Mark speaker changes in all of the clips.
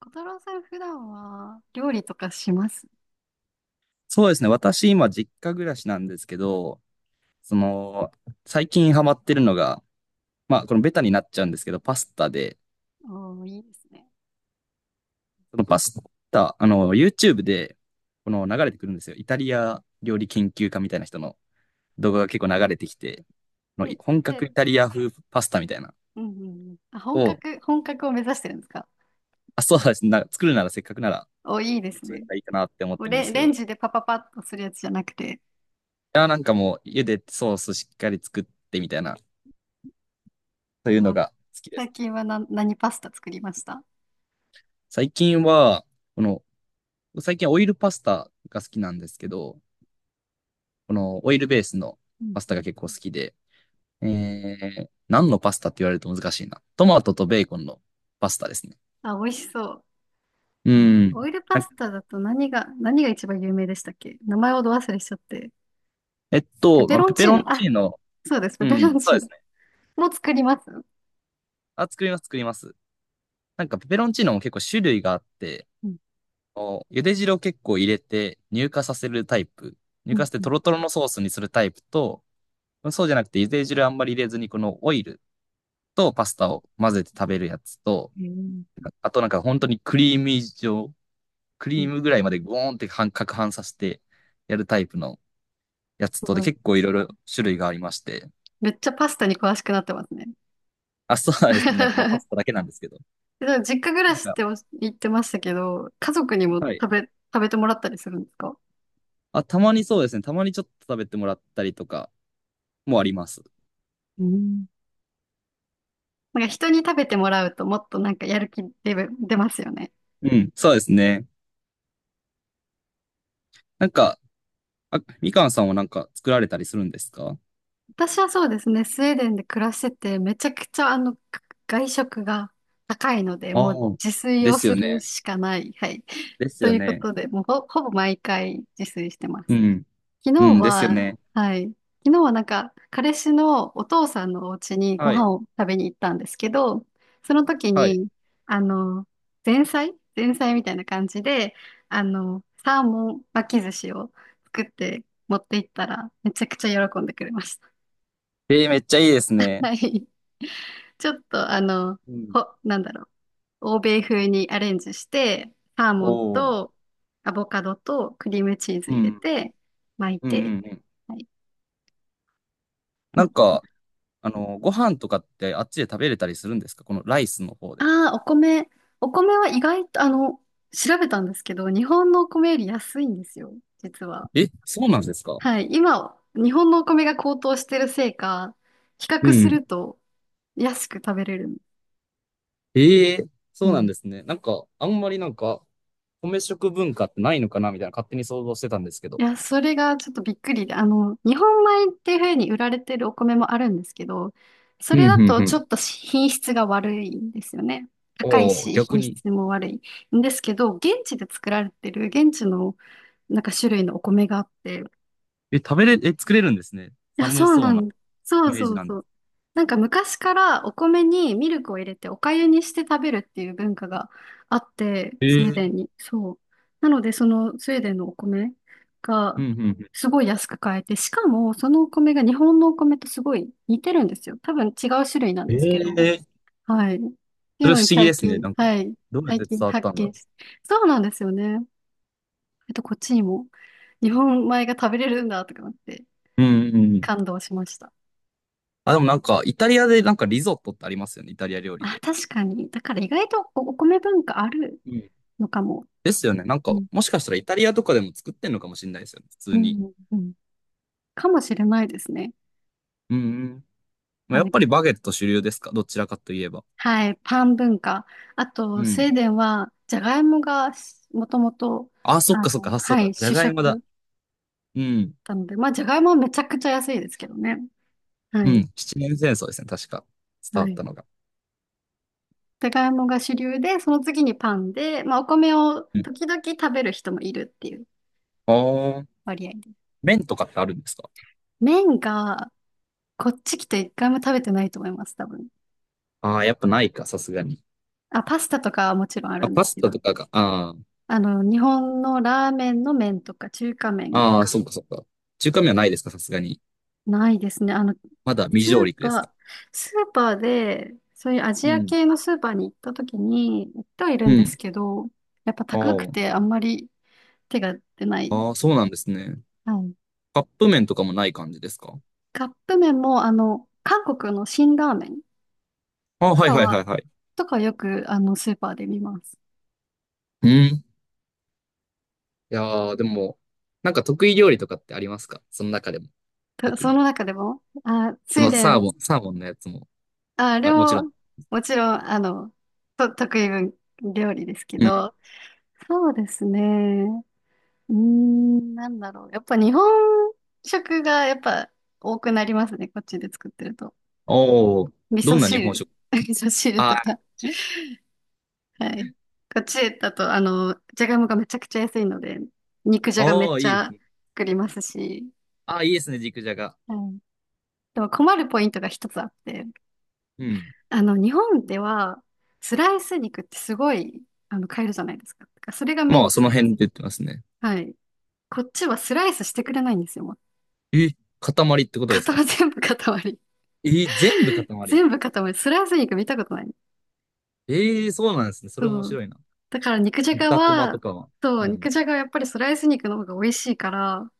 Speaker 1: 小太郎さん、普段は料理とかします？
Speaker 2: そうですね。私、今、実家暮らしなんですけど、その、最近ハマってるのが、まあ、このベタになっちゃうんですけど、パスタで、
Speaker 1: おー、いいですね。
Speaker 2: そのパスタ、あの、YouTube で、この流れてくるんですよ。イタリア料理研究家みたいな人の動画が結構流れてきて、この
Speaker 1: え、
Speaker 2: 本格イ
Speaker 1: で、
Speaker 2: タリア風パスタみたいな
Speaker 1: うんうんうん。あ、本
Speaker 2: を、
Speaker 1: 格、本格を目指してるんですか？
Speaker 2: あ、そうですね。な作るならせっかくなら、
Speaker 1: おー、いいです
Speaker 2: そういう
Speaker 1: ね。
Speaker 2: のがいいかなって思っ
Speaker 1: もう
Speaker 2: てるんで
Speaker 1: レ、
Speaker 2: すけ
Speaker 1: レン
Speaker 2: ど、
Speaker 1: ジでパパパッとするやつじゃなくて、
Speaker 2: いや、なんかもう、茹でてソースしっかり作ってみたいな、そういうの
Speaker 1: あ、
Speaker 2: が好きです
Speaker 1: 最
Speaker 2: ね。
Speaker 1: 近は何パスタ作りました？
Speaker 2: 最近は、この、最近オイルパスタが好きなんですけど、このオイルベースの
Speaker 1: うん
Speaker 2: パスタ
Speaker 1: う
Speaker 2: が
Speaker 1: ん。
Speaker 2: 結構好きで、え何のパスタって言われると難しいな。トマトとベーコンのパスタですね。
Speaker 1: あ、美味しそう。
Speaker 2: うん。
Speaker 1: オオイルパ
Speaker 2: なん
Speaker 1: ス
Speaker 2: か
Speaker 1: タだと何が一番有名でしたっけ。名前をど忘れしちゃって。ペペ
Speaker 2: まあ
Speaker 1: ロ
Speaker 2: ペ
Speaker 1: ン
Speaker 2: ペ
Speaker 1: チー
Speaker 2: ロン
Speaker 1: ノ。あ、
Speaker 2: チーノ、
Speaker 1: そうです。ペ
Speaker 2: う
Speaker 1: ペロ
Speaker 2: ん、
Speaker 1: ン
Speaker 2: そう
Speaker 1: チ
Speaker 2: で
Speaker 1: ー
Speaker 2: す
Speaker 1: ノ。
Speaker 2: ね。
Speaker 1: もう作ります？う
Speaker 2: あ、作ります、作ります。なんかペペロンチーノも結構種類があって、
Speaker 1: ん
Speaker 2: お茹で汁を結構入れて乳化させるタイプ、乳
Speaker 1: う
Speaker 2: 化
Speaker 1: ん
Speaker 2: して
Speaker 1: う
Speaker 2: ト
Speaker 1: ん。
Speaker 2: ロトロのソースにするタイプと、そうじゃなくて茹で汁あんまり入れずにこのオイルとパスタを混ぜて食べるやつと、
Speaker 1: へー。
Speaker 2: あとなんか本当にクリーム以上、ク
Speaker 1: う
Speaker 2: リー
Speaker 1: ん。
Speaker 2: ムぐらいまでゴーンって半攪拌させてやるタイプのや
Speaker 1: す
Speaker 2: つとで
Speaker 1: ごい。
Speaker 2: 結構いろいろ種類がありまして。
Speaker 1: めっちゃパスタに詳しくなってますね。
Speaker 2: あ、そうですね。なんかまあパ スタだけ
Speaker 1: で
Speaker 2: なんですけど。
Speaker 1: も実家暮ら
Speaker 2: なん
Speaker 1: しっ
Speaker 2: か、
Speaker 1: て言ってましたけど、家族にも
Speaker 2: はい。
Speaker 1: 食べてもらったりするんですか？
Speaker 2: あ、たまにそうですね。たまにちょっと食べてもらったりとかもあります。
Speaker 1: うん。なんか人に食べてもらうともっとなんかやる気出ますよね。
Speaker 2: うん、そうですね。なんか、あ、みかんさんはなんか作られたりするんですか？
Speaker 1: 私はそうですね、スウェーデンで暮らしてて、めちゃくちゃ外食が高いので、も
Speaker 2: あ
Speaker 1: う
Speaker 2: あ。
Speaker 1: 自炊
Speaker 2: で
Speaker 1: を
Speaker 2: す
Speaker 1: す
Speaker 2: よ
Speaker 1: る
Speaker 2: ね。
Speaker 1: しかない。はい。
Speaker 2: です
Speaker 1: と
Speaker 2: よ
Speaker 1: いうこ
Speaker 2: ね。
Speaker 1: とで、もうほぼ毎回自炊してま
Speaker 2: う
Speaker 1: す。
Speaker 2: ん。
Speaker 1: 昨日
Speaker 2: うん、ですよ
Speaker 1: は、
Speaker 2: ね。
Speaker 1: はい。昨日はなんか、彼氏のお父さんのお家にご
Speaker 2: はい。
Speaker 1: 飯を食べに行ったんですけど、その時
Speaker 2: はい。
Speaker 1: に、あの、前菜みたいな感じで、サーモン巻き寿司を作って持って行ったら、めちゃくちゃ喜んでくれました。
Speaker 2: えー、めっちゃいいです ね。
Speaker 1: はい。ちょっと、
Speaker 2: うん。
Speaker 1: なんだろう。欧米風にアレンジして、サーモン
Speaker 2: おお。
Speaker 1: とアボカドとクリームチーズ
Speaker 2: う
Speaker 1: 入れ
Speaker 2: ん。
Speaker 1: て、巻い
Speaker 2: うんう
Speaker 1: て、
Speaker 2: んうん。
Speaker 1: はい。
Speaker 2: なんか、あの、ご飯とかってあっちで食べれたりするんですか？このライスの方で。
Speaker 1: ああ、お米。お米は意外と、調べたんですけど、日本のお米より安いんですよ、実は。
Speaker 2: え、そうなんですか？
Speaker 1: はい。今、日本のお米が高騰してるせいか、比
Speaker 2: う
Speaker 1: 較す
Speaker 2: ん。
Speaker 1: ると安く食べれる。
Speaker 2: ええ、
Speaker 1: う
Speaker 2: そうなん
Speaker 1: ん。
Speaker 2: ですね。なんか、あんまりなんか、米食文化ってないのかなみたいな勝手に想像してたんですけ
Speaker 1: い
Speaker 2: ど。
Speaker 1: や、それがちょっとびっくりで、日本米っていうふうに売られてるお米もあるんですけど、そ
Speaker 2: うん、
Speaker 1: れだ
Speaker 2: うん、
Speaker 1: と
Speaker 2: う
Speaker 1: ちょ
Speaker 2: ん。
Speaker 1: っと品質が悪いんですよね。高い
Speaker 2: おお、
Speaker 1: し、
Speaker 2: 逆
Speaker 1: 品
Speaker 2: に。
Speaker 1: 質も悪いんですけど、現地で作られてる現地のなんか種類のお米があって、
Speaker 2: え、食べれ、え、作れるんですね。
Speaker 1: いや、
Speaker 2: 寒
Speaker 1: そう
Speaker 2: そ
Speaker 1: な
Speaker 2: うな
Speaker 1: んだ。そ
Speaker 2: イ
Speaker 1: う
Speaker 2: メー
Speaker 1: そ
Speaker 2: ジ
Speaker 1: う
Speaker 2: なんで
Speaker 1: そ
Speaker 2: す。
Speaker 1: う。なんか昔からお米にミルクを入れてお粥にして食べるっていう文化があって、スウェー
Speaker 2: え
Speaker 1: デン
Speaker 2: え、
Speaker 1: に。そう。なので、そのスウェーデンのお米
Speaker 2: う
Speaker 1: が
Speaker 2: ん、うん、
Speaker 1: すごい安く買えて、しかもそのお米が日本のお米とすごい似てるんですよ。多分違う種類なん
Speaker 2: う
Speaker 1: ですけ
Speaker 2: ん。
Speaker 1: ど。
Speaker 2: ええ、
Speaker 1: はい。ってい
Speaker 2: そ
Speaker 1: う
Speaker 2: れ
Speaker 1: の
Speaker 2: 不
Speaker 1: に
Speaker 2: 思議
Speaker 1: 最
Speaker 2: ですね。
Speaker 1: 近、
Speaker 2: なんか、
Speaker 1: はい。
Speaker 2: どうやっ
Speaker 1: 最
Speaker 2: て伝
Speaker 1: 近
Speaker 2: わっ
Speaker 1: 発
Speaker 2: たんだ
Speaker 1: 見
Speaker 2: ろ
Speaker 1: し、そうなんですよね。こっちにも日本米が食べれるんだとか思って
Speaker 2: う。うん、うん、うん。
Speaker 1: 感動しました。
Speaker 2: あ、でもなんか、イタリアでなんかリゾットってありますよね。イタリア料理
Speaker 1: あ、
Speaker 2: で。
Speaker 1: 確かに。だから意外とお米文化あるのかも。
Speaker 2: ですよね。なん
Speaker 1: う
Speaker 2: か、
Speaker 1: ん、
Speaker 2: もしかしたらイタリアとかでも作ってんのかもしれないですよね。普
Speaker 1: う
Speaker 2: 通に。
Speaker 1: ん、うん。かもしれないですね。
Speaker 2: うんうん。まあ、や
Speaker 1: は
Speaker 2: っ
Speaker 1: い。
Speaker 2: ぱりバゲット主流ですか？どちらかといえば。
Speaker 1: はい。パン文化。あ
Speaker 2: う
Speaker 1: と、スウ
Speaker 2: ん。
Speaker 1: ェーデンは、じゃがいもがもともと、
Speaker 2: あ、そっかそっか。あ、そう
Speaker 1: は
Speaker 2: だ。
Speaker 1: い、
Speaker 2: じゃ
Speaker 1: 主
Speaker 2: がいもだ。
Speaker 1: 食
Speaker 2: うん。
Speaker 1: なので、まあ、じゃがいもはめちゃくちゃ安いですけどね。は
Speaker 2: うん。
Speaker 1: い。
Speaker 2: 七年戦争ですね。確か。伝
Speaker 1: は
Speaker 2: わっ
Speaker 1: い。
Speaker 2: たのが。
Speaker 1: じゃがいもが主流で、その次にパンで、まあ、お米を
Speaker 2: うん。
Speaker 1: 時々食べる人もいるっていう
Speaker 2: ああ。
Speaker 1: 割合で。
Speaker 2: 麺とかってあるんですか？
Speaker 1: 麺が、こっち来て一回も食べてないと思います、多分。
Speaker 2: ああー、やっぱないか、さすがに。
Speaker 1: あ、パスタとかはもちろんある
Speaker 2: あ、
Speaker 1: んで
Speaker 2: パ
Speaker 1: す
Speaker 2: ス
Speaker 1: け
Speaker 2: タ
Speaker 1: ど、
Speaker 2: とかが、あ
Speaker 1: 日本のラーメンの麺とか中華麺、
Speaker 2: あ。ああ、そっかそっか。中華麺はないですか？さすがに。
Speaker 1: ないですね。
Speaker 2: まだ未
Speaker 1: ス
Speaker 2: 上
Speaker 1: ー
Speaker 2: 陸ですか？
Speaker 1: パー、スーパーで、そういうアジ
Speaker 2: う
Speaker 1: ア
Speaker 2: ん。
Speaker 1: 系のスーパーに行った時に、行ってはいる
Speaker 2: う
Speaker 1: んです
Speaker 2: ん。
Speaker 1: けど、やっぱ高くて
Speaker 2: あ
Speaker 1: あんまり手が出ない。
Speaker 2: あ。ああ、そうなんですね。
Speaker 1: はい。
Speaker 2: カップ麺とかもない感じですか？
Speaker 1: カップ麺も、韓国の辛ラーメン
Speaker 2: ああ、
Speaker 1: と
Speaker 2: はい
Speaker 1: か
Speaker 2: はいは
Speaker 1: は、
Speaker 2: いはい。
Speaker 1: とかよく、スーパーで見ます。
Speaker 2: うん。いやー、でも、なんか得意料理とかってありますか？その中でも、特
Speaker 1: そ
Speaker 2: に。
Speaker 1: の中でも、あ、ス
Speaker 2: そ
Speaker 1: ウェー
Speaker 2: の
Speaker 1: デ
Speaker 2: サ
Speaker 1: ン
Speaker 2: ーモン、サーモンのやつも。
Speaker 1: あ、
Speaker 2: あ、もちろ
Speaker 1: 料、
Speaker 2: ん。
Speaker 1: もちろん、得意料理ですけ
Speaker 2: うん。
Speaker 1: ど、そうですね。うーん、なんだろう。やっぱ日本食がやっぱ多くなりますね。こっちで作ってると。
Speaker 2: おー、
Speaker 1: 味
Speaker 2: ど
Speaker 1: 噌
Speaker 2: んな日本
Speaker 1: 汁、
Speaker 2: 食？
Speaker 1: 味噌汁
Speaker 2: あ
Speaker 1: と
Speaker 2: ー、
Speaker 1: か。
Speaker 2: ち、
Speaker 1: はい。こっちだと、じゃがいもがめちゃくちゃ安いので、肉じゃがめっ
Speaker 2: おー、
Speaker 1: ち
Speaker 2: いいです
Speaker 1: ゃ
Speaker 2: ね。
Speaker 1: 作りますし。
Speaker 2: あー、いいですね、肉じゃが。
Speaker 1: はい。でも困るポイントが一つあって、
Speaker 2: うん。
Speaker 1: 日本では、スライス肉ってすごい、買えるじゃないですか。だからそれがメイ
Speaker 2: ま
Speaker 1: ン
Speaker 2: あ、
Speaker 1: じゃ
Speaker 2: そ
Speaker 1: な
Speaker 2: の
Speaker 1: いで
Speaker 2: 辺
Speaker 1: す
Speaker 2: で言ってますね。
Speaker 1: か。はい。こっちはスライスしてくれないんですよ、もう。
Speaker 2: え、塊ってことですか？
Speaker 1: 塊、全部塊。
Speaker 2: えー、全部塊。
Speaker 1: 全部塊。スライス肉見たことない。
Speaker 2: えー、そうなんですね。それ面
Speaker 1: そう。
Speaker 2: 白いな。
Speaker 1: だから肉じゃが
Speaker 2: 豚こまと
Speaker 1: は、
Speaker 2: かは。
Speaker 1: そ
Speaker 2: う
Speaker 1: う、
Speaker 2: ん。
Speaker 1: 肉じゃがはやっぱりスライス肉の方が美味しいから、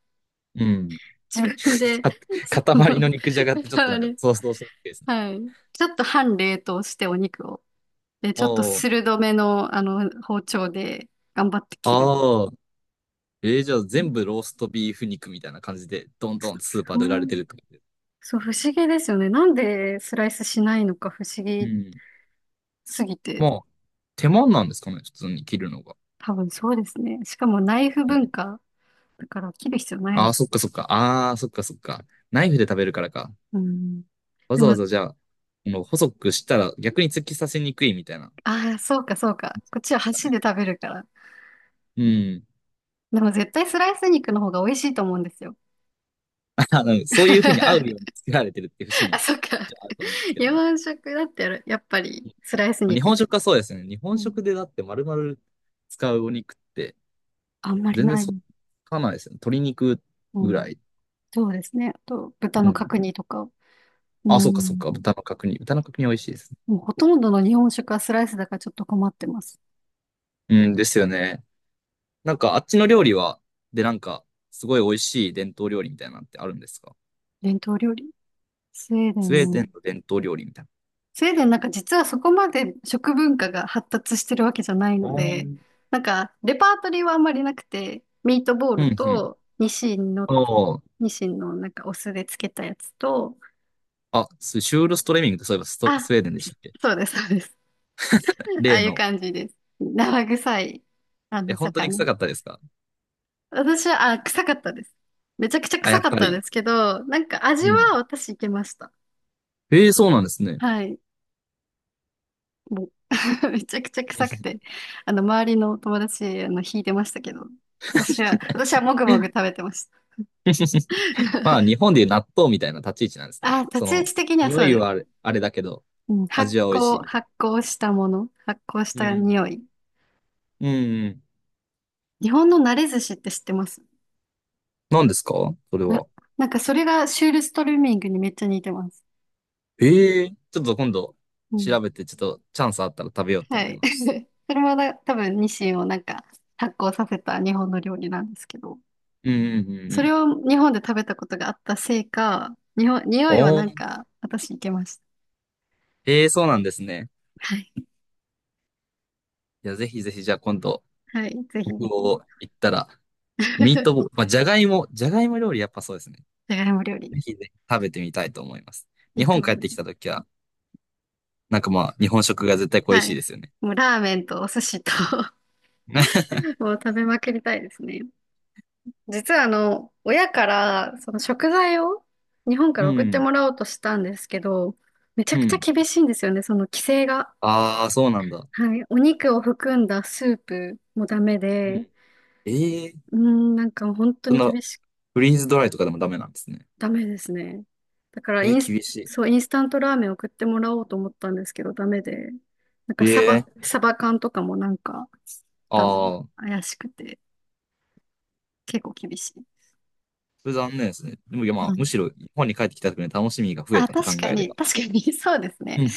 Speaker 2: うん。
Speaker 1: 自分で、そ
Speaker 2: か塊
Speaker 1: の、
Speaker 2: の肉じゃがってちょっとなんか
Speaker 1: 塊。
Speaker 2: 想像しにくいですね。
Speaker 1: はい。ちょっと半冷凍してお肉を。で、ちょっと
Speaker 2: おー、
Speaker 1: 鋭めの、包丁で頑張って切る。
Speaker 2: あー。えー、じゃあ全部ローストビーフ肉みたいな感じで、どんどんスーパーで売られてるってことで。
Speaker 1: そう、不思議ですよね。なんでスライスしないのか不思
Speaker 2: う
Speaker 1: 議
Speaker 2: ん。
Speaker 1: すぎて。
Speaker 2: まあ、手間なんですかね、普通に切るのが。
Speaker 1: 多分そうですね。しかもナイフ
Speaker 2: うん。
Speaker 1: 文化だから切る必要ない
Speaker 2: あ
Speaker 1: の
Speaker 2: あ、
Speaker 1: か
Speaker 2: そっかそっか。ああ、そっかそっか。ナイフで食べるからか。
Speaker 1: な。うん。
Speaker 2: わ
Speaker 1: で
Speaker 2: ざわ
Speaker 1: も、
Speaker 2: ざじゃあ、この細くしたら逆に突き刺せにくいみたいな。
Speaker 1: ああ、そうかそうか。
Speaker 2: で
Speaker 1: こっちは
Speaker 2: すか
Speaker 1: 箸
Speaker 2: ね。
Speaker 1: で食べるから。
Speaker 2: うん。
Speaker 1: でも絶対スライス肉の方が美味しいと思うんですよ。
Speaker 2: あのそういうふうに合うように 作られてるっていう節
Speaker 1: あ、
Speaker 2: も、
Speaker 1: そっか。
Speaker 2: じゃああると思うんですけど
Speaker 1: 日
Speaker 2: ね。
Speaker 1: 本食だったら、やっぱりスライス
Speaker 2: まあ、日
Speaker 1: 肉。
Speaker 2: 本食はそうですね。日本
Speaker 1: うん。
Speaker 2: 食でだって丸々使うお肉って、
Speaker 1: あんまり
Speaker 2: 全然
Speaker 1: ない。
Speaker 2: そっかないですね。鶏肉
Speaker 1: う
Speaker 2: ぐ
Speaker 1: ん。
Speaker 2: らい。
Speaker 1: そうですね。あと、豚
Speaker 2: う
Speaker 1: の
Speaker 2: ん。
Speaker 1: 角煮とか。う
Speaker 2: あ、そうかそう
Speaker 1: ん。
Speaker 2: か。豚の角煮。豚の角煮美味しいですね。
Speaker 1: もうほとんどの日本食はスライスだからちょっと困ってます。
Speaker 2: うん、ですよね。なんかあっちの料理は、で、なんか、すごい美味しい伝統料理みたいなのってあるんですか？
Speaker 1: 伝統料理。スウェーデ
Speaker 2: スウ
Speaker 1: ン
Speaker 2: ェーデ
Speaker 1: ね。
Speaker 2: ンの伝統料理みたいな。
Speaker 1: スウェーデンなんか実はそこまで食文化が発達してるわけじゃない
Speaker 2: あ
Speaker 1: ので、
Speaker 2: ー、
Speaker 1: なんかレパートリーはあんまりなくて、ミートボー
Speaker 2: う
Speaker 1: ル
Speaker 2: ん、うん。
Speaker 1: とニシンの、
Speaker 2: あー、
Speaker 1: ニシンのなんかお酢でつけたやつと、
Speaker 2: あ、スシュールストレミングってそういえばスト、
Speaker 1: あ、
Speaker 2: スウェーデンでしたっけ？
Speaker 1: そうです、そうです。ああ
Speaker 2: 例
Speaker 1: いう
Speaker 2: の。
Speaker 1: 感じです。生臭い、
Speaker 2: え、本当に臭
Speaker 1: 魚。
Speaker 2: かったですか？
Speaker 1: 私は、あ、臭かったです。めちゃくちゃ
Speaker 2: あ、や
Speaker 1: 臭
Speaker 2: っ
Speaker 1: かっ
Speaker 2: ぱ
Speaker 1: たん
Speaker 2: り。
Speaker 1: ですけど、なんか味
Speaker 2: うん。
Speaker 1: は私いけました。
Speaker 2: ええ、そうなんですね。
Speaker 1: はい。もう めちゃくちゃ臭くて、周りの友達、引いてましたけど、私はもぐもぐ食べてました。
Speaker 2: まあ、日本でいう納豆みたいな立ち位置なんですかね。
Speaker 1: あ、立
Speaker 2: そ
Speaker 1: ち位
Speaker 2: の、
Speaker 1: 置的には
Speaker 2: 匂
Speaker 1: そう
Speaker 2: い
Speaker 1: です。
Speaker 2: はあれ、あれだけど、
Speaker 1: うん、発
Speaker 2: 味は美味しい
Speaker 1: 酵、
Speaker 2: みたいな。
Speaker 1: 発酵したもの、発酵し
Speaker 2: う
Speaker 1: た匂
Speaker 2: ん。
Speaker 1: い。
Speaker 2: うん。
Speaker 1: 日本の慣れ寿司って知ってます？
Speaker 2: 何ですか？それ
Speaker 1: な、
Speaker 2: は。
Speaker 1: なんかそれがシュールストルーミングにめっちゃ似てます。
Speaker 2: ええー、ちょっと今度
Speaker 1: うん。
Speaker 2: 調べて、ちょっとチャンスあったら食べようと
Speaker 1: は
Speaker 2: 思い
Speaker 1: い。
Speaker 2: ます。
Speaker 1: それもな多分、ニシンをなんか発酵させた日本の料理なんですけど、
Speaker 2: うんうんうん、う
Speaker 1: それ
Speaker 2: ん。
Speaker 1: を日本で食べたことがあったせいか、日本、匂いは
Speaker 2: お
Speaker 1: なん
Speaker 2: ー。
Speaker 1: か私いけました。
Speaker 2: ええー、そうなんですね。
Speaker 1: はい。
Speaker 2: いや、ぜひぜひ、じゃあ今度、
Speaker 1: はい。ぜひ
Speaker 2: 北
Speaker 1: ぜひ。
Speaker 2: 欧行ったら、ミートボール、まあ、じゃがいも、じゃがいも料理やっぱそうですね。
Speaker 1: じゃがいも料理。
Speaker 2: ぜひぜひ食べてみたいと思います。
Speaker 1: い
Speaker 2: 日
Speaker 1: いと
Speaker 2: 本
Speaker 1: 思
Speaker 2: 帰っ
Speaker 1: う。
Speaker 2: てきた時は、なんかまあ、日本食が絶対恋
Speaker 1: は
Speaker 2: しい
Speaker 1: い。
Speaker 2: ですよね。
Speaker 1: もうラーメンとお寿司と もう食べまくりたいですね。実は親からその食材を日本か
Speaker 2: う
Speaker 1: ら送って
Speaker 2: ん、
Speaker 1: もらおうとしたんですけど、めちゃ
Speaker 2: う
Speaker 1: くちゃ
Speaker 2: ん。
Speaker 1: 厳しいんですよね、その規制が。
Speaker 2: ああ、そうなんだ。
Speaker 1: はい。お肉を含んだスープもダメ
Speaker 2: う
Speaker 1: で、
Speaker 2: ん。ええー、
Speaker 1: うーん、なんか本当
Speaker 2: そ
Speaker 1: に
Speaker 2: の、フリーズドライとかでもダメなんですね。
Speaker 1: ダメですね。だから
Speaker 2: え
Speaker 1: イ
Speaker 2: ー、
Speaker 1: ンス、
Speaker 2: 厳しい。
Speaker 1: そう、インスタントラーメン送ってもらおうと思ったんですけど、ダメで。なん
Speaker 2: え
Speaker 1: かサバ、
Speaker 2: えー、
Speaker 1: サバ缶とかもなんか、ダメ。
Speaker 2: ああ、
Speaker 1: 怪しくて、結構厳しい。
Speaker 2: それ残念ですね。でも、いやま
Speaker 1: う
Speaker 2: あ、
Speaker 1: ん。
Speaker 2: むしろ日本に帰ってきた時の楽しみが増え
Speaker 1: あ、
Speaker 2: たと考
Speaker 1: 確か
Speaker 2: えれ
Speaker 1: に、
Speaker 2: ば。
Speaker 1: 確かに、そうですね。
Speaker 2: うん。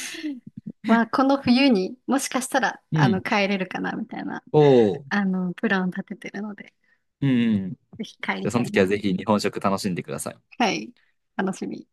Speaker 1: まあ、この冬にもしかしたら、
Speaker 2: うん。
Speaker 1: 帰れるかな、みたいな、
Speaker 2: おお。
Speaker 1: プランを立ててるので、
Speaker 2: うんうん。じ
Speaker 1: ぜひ帰り
Speaker 2: ゃあそ
Speaker 1: た
Speaker 2: の
Speaker 1: い
Speaker 2: 時
Speaker 1: な
Speaker 2: はぜ
Speaker 1: と。
Speaker 2: ひ日本食楽しんでください。
Speaker 1: はい。楽しみ。